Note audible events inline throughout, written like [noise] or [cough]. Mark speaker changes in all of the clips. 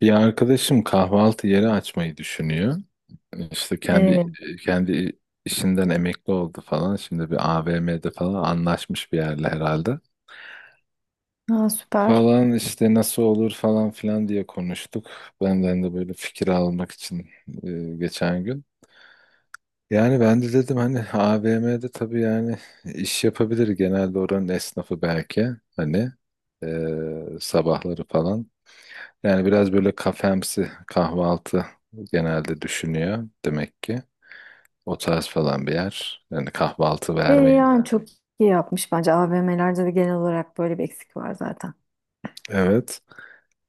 Speaker 1: Bir arkadaşım kahvaltı yeri açmayı düşünüyor. İşte kendi
Speaker 2: Ee,
Speaker 1: kendi işinden emekli oldu falan. Şimdi bir AVM'de falan anlaşmış bir yerle herhalde.
Speaker 2: ha, süper.
Speaker 1: Falan işte nasıl olur falan filan diye konuştuk. Benden de böyle fikir almak için geçen gün. Yani ben de dedim hani AVM'de tabii yani iş yapabilir genelde oranın esnafı belki hani sabahları falan. Yani biraz böyle kafemsi kahvaltı genelde düşünüyor demek ki. O tarz falan bir yer. Yani kahvaltı vermeyi.
Speaker 2: Yani çok iyi yapmış bence. AVM'lerde de genel olarak böyle bir eksik var zaten.
Speaker 1: Evet.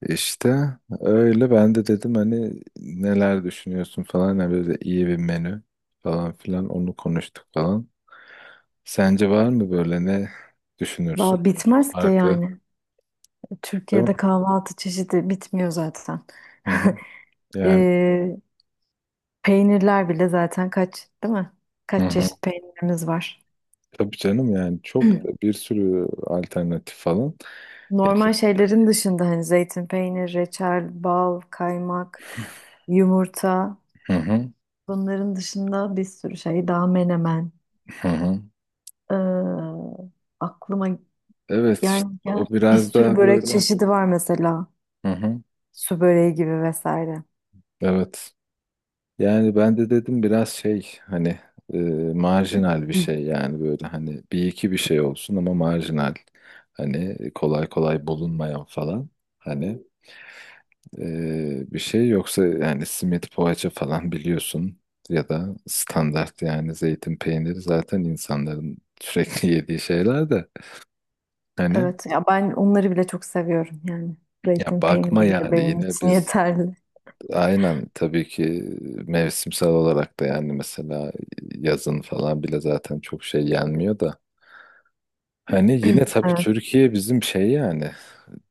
Speaker 1: İşte öyle ben de dedim hani neler düşünüyorsun falan. Yani böyle iyi bir menü falan filan onu konuştuk falan. Sence var mı, böyle ne düşünürsün?
Speaker 2: Valla bitmez ki
Speaker 1: Farklı,
Speaker 2: yani.
Speaker 1: değil mi?
Speaker 2: Türkiye'de kahvaltı çeşidi bitmiyor zaten.
Speaker 1: Hı hı.
Speaker 2: [laughs]
Speaker 1: Yani,
Speaker 2: Ee, Peynirler bile zaten kaç, değil mi?
Speaker 1: hı
Speaker 2: Kaç
Speaker 1: hı.
Speaker 2: çeşit peynirimiz var.
Speaker 1: Tabii canım yani çok
Speaker 2: [clears throat]
Speaker 1: bir sürü alternatif falan. Ya,
Speaker 2: Normal
Speaker 1: Türk-
Speaker 2: şeylerin dışında hani zeytin peynir, reçel, bal, kaymak, yumurta.
Speaker 1: Hı hı.
Speaker 2: Bunların dışında bir sürü şey daha menemen.
Speaker 1: Hı hı.
Speaker 2: Ee, aklıma
Speaker 1: Evet işte
Speaker 2: Yani ya
Speaker 1: o
Speaker 2: Bir
Speaker 1: biraz
Speaker 2: sürü
Speaker 1: daha
Speaker 2: börek
Speaker 1: böyle.
Speaker 2: çeşidi var mesela.
Speaker 1: Hı hı.
Speaker 2: Su böreği gibi vesaire.
Speaker 1: Evet. Yani ben de dedim biraz şey hani e, marjinal bir
Speaker 2: [laughs] Hı.
Speaker 1: şey yani böyle hani bir iki bir şey olsun ama marjinal. Hani kolay kolay bulunmayan falan. Hani bir şey yoksa yani simit poğaça falan [laughs] biliyorsun, ya da standart yani zeytin peyniri zaten insanların sürekli [laughs] yediği şeyler de hani,
Speaker 2: Evet ya ben onları bile çok seviyorum yani.
Speaker 1: ya
Speaker 2: Zeytin
Speaker 1: bakma
Speaker 2: peyniri bile
Speaker 1: yani
Speaker 2: benim
Speaker 1: yine
Speaker 2: için
Speaker 1: biz.
Speaker 2: yeterli.
Speaker 1: Aynen tabii ki mevsimsel olarak da yani mesela yazın falan bile zaten çok şey yenmiyor da. Hani yine tabii
Speaker 2: Evet,
Speaker 1: Türkiye bizim şey yani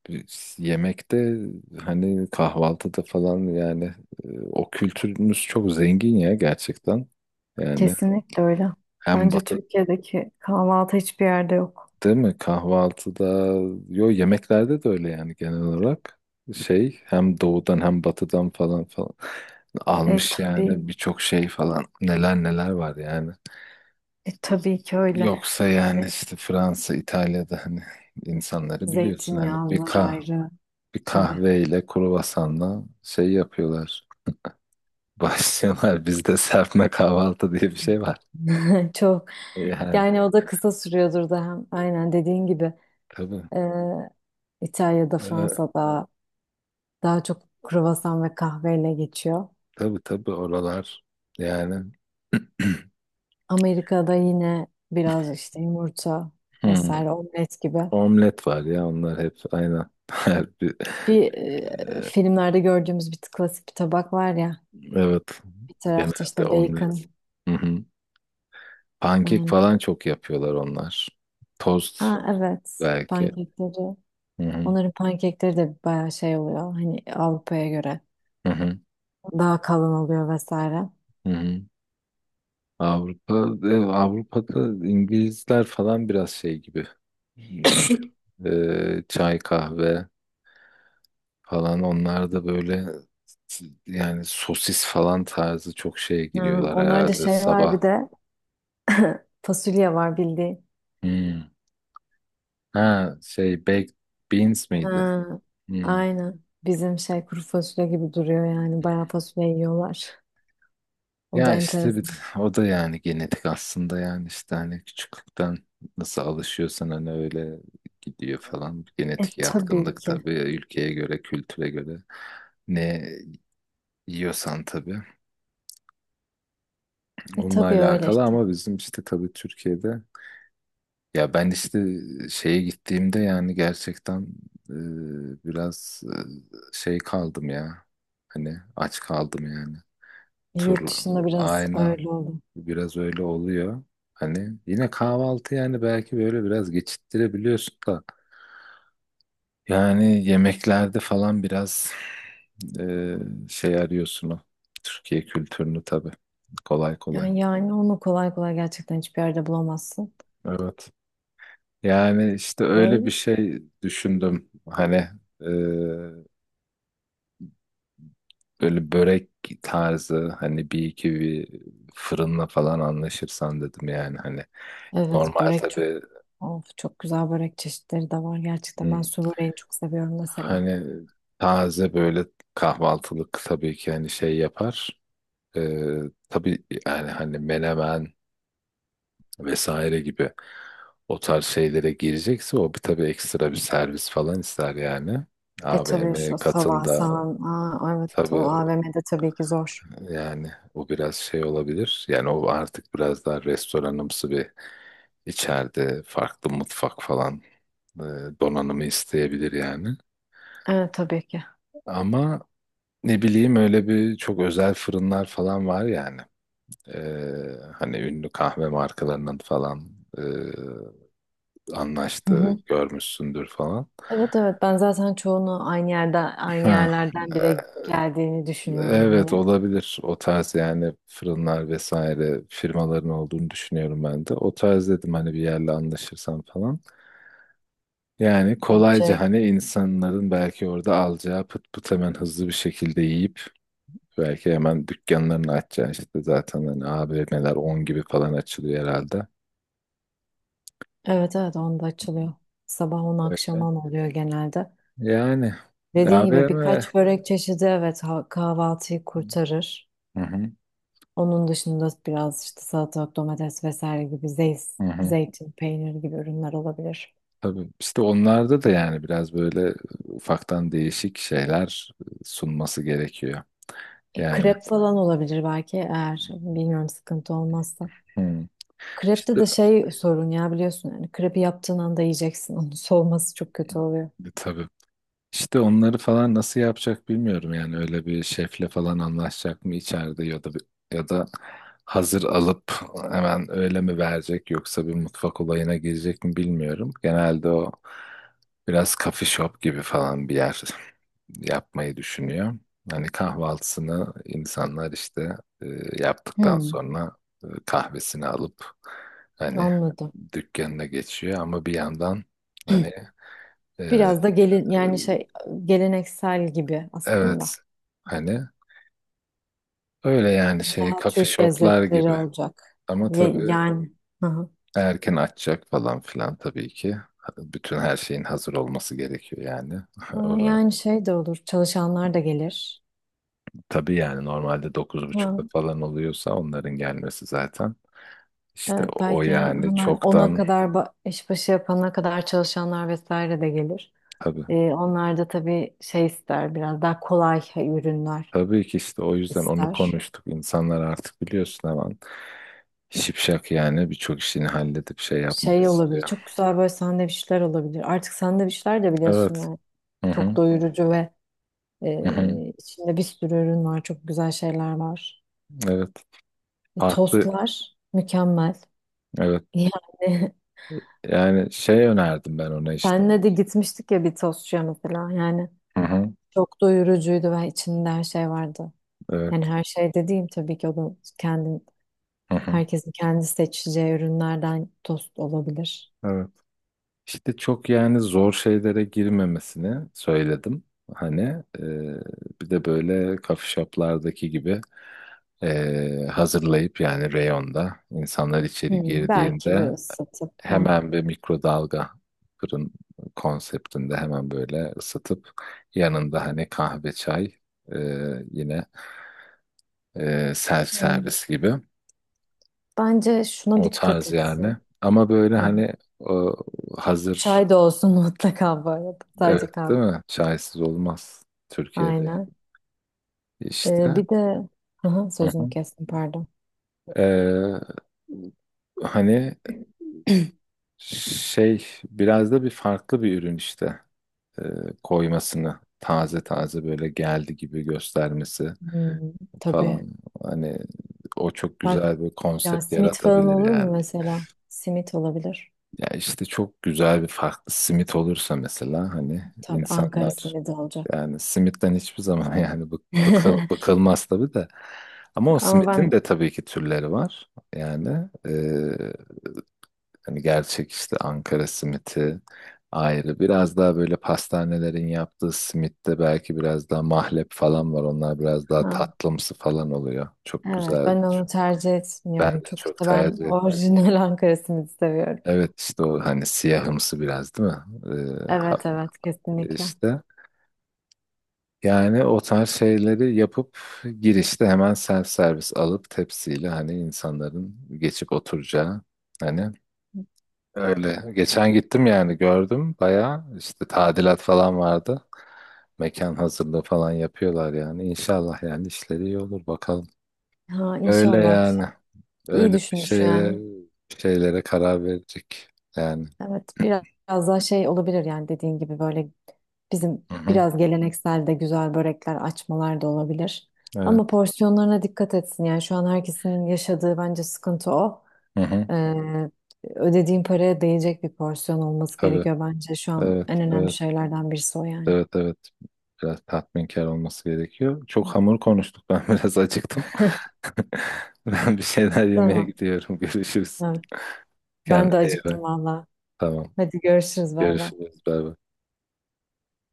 Speaker 1: biz yemekte hani kahvaltıda falan yani o kültürümüz çok zengin ya, gerçekten. Yani
Speaker 2: kesinlikle öyle.
Speaker 1: hem
Speaker 2: Bence
Speaker 1: batı.
Speaker 2: Türkiye'deki kahvaltı hiçbir yerde yok.
Speaker 1: Değil mi? Kahvaltıda, yo, yemeklerde de öyle yani genel olarak. Şey, hem doğudan hem batıdan falan falan
Speaker 2: E
Speaker 1: almış
Speaker 2: tabii,
Speaker 1: yani, birçok şey falan, neler neler var yani.
Speaker 2: tabii ki öyle.
Speaker 1: Yoksa yani
Speaker 2: E,
Speaker 1: işte Fransa, İtalya'da hani insanları biliyorsun, hani
Speaker 2: zeytinyağlılar ayrı.
Speaker 1: bir
Speaker 2: Tabii.
Speaker 1: kahveyle kruvasanla şey yapıyorlar. [laughs] Başlıyorlar, bizde serpme kahvaltı diye bir şey var.
Speaker 2: [laughs] Çok.
Speaker 1: Yani
Speaker 2: Yani o da kısa sürüyordur da hem aynen dediğin gibi
Speaker 1: tabii.
Speaker 2: e, İtalya'da,
Speaker 1: Ee,
Speaker 2: Fransa'da daha çok kruvasan ve kahveyle geçiyor.
Speaker 1: tabii tabii oralar yani.
Speaker 2: Amerika'da yine biraz işte yumurta
Speaker 1: [clears throat]
Speaker 2: vesaire omlet gibi.
Speaker 1: Omlet var ya, onlar hep aynı. [laughs] Her bir,
Speaker 2: Bir filmlerde gördüğümüz bir klasik bir tabak var ya.
Speaker 1: evet.
Speaker 2: Bir tarafta
Speaker 1: Genelde
Speaker 2: işte
Speaker 1: omlet.
Speaker 2: bacon.
Speaker 1: Hı hı. Pankek
Speaker 2: Aynen.
Speaker 1: falan çok yapıyorlar onlar. Tost
Speaker 2: Ha, evet.
Speaker 1: belki.
Speaker 2: Pankekleri.
Speaker 1: Hı hı.
Speaker 2: Onların pankekleri de bayağı şey oluyor. Hani Avrupa'ya göre
Speaker 1: Hı hı.
Speaker 2: daha kalın oluyor vesaire.
Speaker 1: Hı hı. Avrupa, Avrupa'da İngilizler falan biraz şey gibi. Hani
Speaker 2: [coughs]
Speaker 1: çay kahve falan, onlar da böyle yani sosis falan tarzı çok şeye
Speaker 2: Ha,
Speaker 1: giriyorlar
Speaker 2: onlarda
Speaker 1: herhalde
Speaker 2: şey var bir
Speaker 1: sabah.
Speaker 2: de [coughs] [laughs] fasulye var bildiğin.
Speaker 1: Hmm. Ha, şey, baked beans miydi?
Speaker 2: Ha,
Speaker 1: Hmm.
Speaker 2: aynen. Bizim şey kuru fasulye gibi duruyor yani. Bayağı fasulye yiyorlar. O da
Speaker 1: Ya işte bir,
Speaker 2: enteresan.
Speaker 1: [laughs] o da yani genetik aslında yani işte hani küçüklükten nasıl alışıyorsan hani öyle gidiyor falan.
Speaker 2: E
Speaker 1: Genetik
Speaker 2: tabii
Speaker 1: yatkınlık
Speaker 2: ki.
Speaker 1: tabii ülkeye göre, kültüre göre ne yiyorsan tabii
Speaker 2: E
Speaker 1: onunla
Speaker 2: tabii öyle
Speaker 1: alakalı,
Speaker 2: işte.
Speaker 1: ama bizim işte tabii Türkiye'de, ya ben işte şeye gittiğimde yani gerçekten biraz şey kaldım ya, hani aç kaldım yani. Tur,
Speaker 2: Yurt dışında biraz
Speaker 1: aynen.
Speaker 2: öyle oldu.
Speaker 1: Biraz öyle oluyor. Hani yine kahvaltı yani belki böyle biraz geçittirebiliyorsun da. Yani yemeklerde falan biraz e, şey arıyorsun o. Türkiye kültürünü tabii. Kolay kolay.
Speaker 2: Yani, yani onu kolay kolay gerçekten hiçbir yerde bulamazsın.
Speaker 1: Evet. Yani işte öyle bir
Speaker 2: Şey,
Speaker 1: şey düşündüm. Hani e, böyle börek tarzı hani bir iki bir fırınla falan anlaşırsan dedim yani, hani
Speaker 2: evet
Speaker 1: normal
Speaker 2: börek çok
Speaker 1: tabii.
Speaker 2: of, çok güzel börek çeşitleri de var. Gerçekten ben su böreğini çok seviyorum mesela.
Speaker 1: Hani taze böyle kahvaltılık tabii ki hani şey yapar. Ee, tabii yani hani menemen vesaire gibi o tarz şeylere girecekse o bir tabii ekstra bir servis falan ister yani.
Speaker 2: E tabii
Speaker 1: AVM
Speaker 2: şu sabah
Speaker 1: katında
Speaker 2: sahan. Aa, evet o
Speaker 1: tabii
Speaker 2: AVM'de tabii ki zor.
Speaker 1: yani o biraz şey olabilir. Yani o artık biraz daha restoranımsı bir içeride farklı mutfak falan e, donanımı isteyebilir yani.
Speaker 2: Evet tabii ki.
Speaker 1: Ama ne bileyim, öyle bir çok özel fırınlar falan var yani. Ee, hani ünlü kahve markalarının falan e, anlaştığı
Speaker 2: [laughs]
Speaker 1: görmüşsündür falan.
Speaker 2: Evet evet ben zaten çoğunu aynı yerden aynı
Speaker 1: Ha,
Speaker 2: yerlerden bile geldiğini düşünüyorum
Speaker 1: evet
Speaker 2: hani.
Speaker 1: olabilir. O tarz yani fırınlar vesaire firmaların olduğunu düşünüyorum ben de. O tarz dedim, hani bir yerle anlaşırsam falan. Yani kolayca
Speaker 2: Bence
Speaker 1: hani insanların belki orada alacağı pıt pıt hemen hızlı bir şekilde yiyip belki hemen dükkanlarını açacaksın, işte zaten hani AVM'ler 10 gibi falan açılıyor herhalde.
Speaker 2: evet evet onda açılıyor. Sabah 10 akşam
Speaker 1: Öyle.
Speaker 2: 10 oluyor genelde.
Speaker 1: Yani
Speaker 2: Dediğin gibi
Speaker 1: AVM.
Speaker 2: birkaç börek çeşidi evet ha- kahvaltıyı kurtarır.
Speaker 1: Hı hı,
Speaker 2: Onun dışında biraz işte salatalık, domates vesaire gibi zeyt,
Speaker 1: hı hı.
Speaker 2: zeytin, peynir gibi ürünler olabilir.
Speaker 1: Tabii işte onlarda da yani biraz böyle ufaktan değişik şeyler sunması gerekiyor.
Speaker 2: E,
Speaker 1: Yani,
Speaker 2: krep falan olabilir belki eğer bilmiyorum sıkıntı olmazsa.
Speaker 1: hı.
Speaker 2: Krepte
Speaker 1: İşte
Speaker 2: de şey sorun ya biliyorsun yani krepi yaptığın anda yiyeceksin [laughs] onun soğuması çok kötü oluyor.
Speaker 1: tabii İşte onları falan nasıl yapacak bilmiyorum yani, öyle bir şefle falan anlaşacak mı içeride, ya da hazır alıp hemen öyle mi verecek, yoksa bir mutfak olayına girecek mi bilmiyorum. Genelde o biraz coffee shop gibi falan bir yer yapmayı düşünüyor. Hani kahvaltısını insanlar işte e, yaptıktan
Speaker 2: Hmm.
Speaker 1: sonra kahvesini alıp hani
Speaker 2: Anladım.
Speaker 1: dükkanına geçiyor, ama bir yandan hani e,
Speaker 2: Biraz da gelin yani
Speaker 1: e,
Speaker 2: şey geleneksel gibi aslında.
Speaker 1: Evet. Hani öyle yani şey
Speaker 2: Daha
Speaker 1: coffee
Speaker 2: Türk
Speaker 1: shoplar
Speaker 2: lezzetleri
Speaker 1: gibi.
Speaker 2: olacak.
Speaker 1: Ama
Speaker 2: Ye-
Speaker 1: tabii
Speaker 2: yani hı hı.
Speaker 1: erken açacak falan filan tabii ki. Bütün her şeyin hazır olması gerekiyor yani. [laughs]
Speaker 2: Ha,
Speaker 1: Ora
Speaker 2: yani şey de olur. Çalışanlar da gelir.
Speaker 1: tabii yani normalde
Speaker 2: Ha,
Speaker 1: 9.30'da falan oluyorsa onların gelmesi zaten. İşte
Speaker 2: evet
Speaker 1: o
Speaker 2: belki ha-
Speaker 1: yani
Speaker 2: hemen ona
Speaker 1: çoktan
Speaker 2: kadar ba- iş başı yapana kadar çalışanlar vesaire de gelir.
Speaker 1: tabii.
Speaker 2: Onlar da tabii şey ister biraz daha kolay ürünler
Speaker 1: Tabii ki işte, o yüzden onu
Speaker 2: ister.
Speaker 1: konuştuk. İnsanlar artık biliyorsun hemen şipşak yani birçok işini halledip şey yapmak
Speaker 2: Şey olabilir.
Speaker 1: istiyor.
Speaker 2: Çok güzel böyle sandviçler olabilir. Artık sandviçler de biliyorsun
Speaker 1: Evet.
Speaker 2: yani.
Speaker 1: Hı
Speaker 2: Çok
Speaker 1: hı.
Speaker 2: doyurucu ve
Speaker 1: Hı hı.
Speaker 2: içinde bir sürü ürün var. Çok güzel şeyler var.
Speaker 1: Evet.
Speaker 2: E,
Speaker 1: Farklı.
Speaker 2: tostlar mükemmel.
Speaker 1: Evet.
Speaker 2: Yani [laughs]
Speaker 1: Yani şey önerdim ben ona işte.
Speaker 2: senle de gitmiştik ya bir tostçuya mesela. Yani
Speaker 1: Hı hı.
Speaker 2: çok doyurucuydu ve içinde her şey vardı.
Speaker 1: Evet.
Speaker 2: Yani her şey dediğim tabii ki o da kendin,
Speaker 1: Hı hı.
Speaker 2: herkesin kendi seçeceği ürünlerden tost olabilir.
Speaker 1: Evet. İşte çok yani zor şeylere girmemesini söyledim. Hani e, bir de böyle coffee shop'lardaki gibi hazırlayıp yani reyonda insanlar içeri
Speaker 2: Hmm, belki
Speaker 1: girdiğinde
Speaker 2: bir ısıtıp. Ha.
Speaker 1: hemen bir mikrodalga fırın konseptinde hemen böyle ısıtıp yanında hani kahve çay e, yine self
Speaker 2: Hmm.
Speaker 1: servis gibi.
Speaker 2: Bence şuna
Speaker 1: O
Speaker 2: dikkat
Speaker 1: tarz yani.
Speaker 2: etsin.
Speaker 1: Ama böyle hani o hazır,
Speaker 2: Çay da olsun [laughs] mutlaka bu arada.
Speaker 1: evet,
Speaker 2: Sadece
Speaker 1: değil
Speaker 2: kahve.
Speaker 1: mi? Çaysız olmaz Türkiye'de yani.
Speaker 2: Aynen.
Speaker 1: İşte.
Speaker 2: Bir de aha,
Speaker 1: Hı
Speaker 2: sözünü
Speaker 1: hı.
Speaker 2: kestim pardon. [clears throat]
Speaker 1: Ee, hani şey biraz da bir farklı bir ürün işte. Ee, koymasını, taze taze böyle geldi gibi göstermesi
Speaker 2: Hmm, tabii.
Speaker 1: falan. Hani o çok
Speaker 2: Fark...
Speaker 1: güzel bir
Speaker 2: Ya
Speaker 1: konsept
Speaker 2: simit falan
Speaker 1: yaratabilir
Speaker 2: olur
Speaker 1: yani.
Speaker 2: mu mesela? Simit olabilir.
Speaker 1: Ya işte çok güzel bir farklı simit olursa mesela, hani
Speaker 2: Tabii Ankara
Speaker 1: insanlar.
Speaker 2: simidi olacak.
Speaker 1: Yani simitten hiçbir zaman [laughs] yani
Speaker 2: [laughs]
Speaker 1: bıkılmaz tabii de. Ama o
Speaker 2: Ama
Speaker 1: simitin
Speaker 2: ben
Speaker 1: de tabii ki türleri var. Yani hani gerçek işte Ankara simiti ayrı. Biraz daha böyle pastanelerin yaptığı simitte belki biraz daha mahlep falan var. Onlar biraz daha
Speaker 2: ha,
Speaker 1: tatlımsı falan oluyor. Çok
Speaker 2: evet
Speaker 1: güzel.
Speaker 2: ben onu tercih
Speaker 1: Ben
Speaker 2: etmiyorum
Speaker 1: de
Speaker 2: çok
Speaker 1: çok
Speaker 2: işte ben
Speaker 1: tercih etmem.
Speaker 2: orijinal [laughs] Ankara simidi seviyorum.
Speaker 1: Evet işte, o hani siyahımsı biraz, değil mi? Ha-
Speaker 2: Evet evet kesinlikle.
Speaker 1: işte. Yani o tarz şeyleri yapıp girişte hemen self servis alıp tepsiyle hani insanların geçip oturacağı hani. Evet. Öyle. Geçen gittim yani, gördüm bayağı işte tadilat falan vardı. Mekan hazırlığı falan yapıyorlar yani. İnşallah yani işleri iyi olur bakalım.
Speaker 2: Ha
Speaker 1: Öyle
Speaker 2: inşallah.
Speaker 1: yani.
Speaker 2: İyi
Speaker 1: Öyle bir
Speaker 2: düşünmüş
Speaker 1: şeyle
Speaker 2: yani.
Speaker 1: bir şeylere karar verecek yani.
Speaker 2: Evet, biraz daha şey olabilir yani dediğin gibi böyle bizim
Speaker 1: Hı hı.
Speaker 2: biraz geleneksel de güzel börekler açmalar da olabilir. Ama
Speaker 1: Evet.
Speaker 2: porsiyonlarına dikkat etsin yani şu an herkesin yaşadığı bence sıkıntı o.
Speaker 1: Hı hı.
Speaker 2: Ee, Ödediğin paraya değecek bir porsiyon olması
Speaker 1: Tabii.
Speaker 2: gerekiyor bence şu an
Speaker 1: Evet.
Speaker 2: en önemli
Speaker 1: Evet.
Speaker 2: şeylerden birisi o yani.
Speaker 1: Evet, evet. Biraz tatminkar olması gerekiyor. Çok hamur konuştuk. Ben [laughs] biraz acıktım. [laughs] Ben bir şeyler yemeye
Speaker 2: Tamam.
Speaker 1: gidiyorum. [laughs] Görüşürüz.
Speaker 2: Evet. Ben
Speaker 1: Kendine
Speaker 2: de
Speaker 1: iyi
Speaker 2: acıktım
Speaker 1: bak.
Speaker 2: valla.
Speaker 1: Tamam.
Speaker 2: Hadi görüşürüz bay bay.
Speaker 1: Görüşürüz. Bay bay.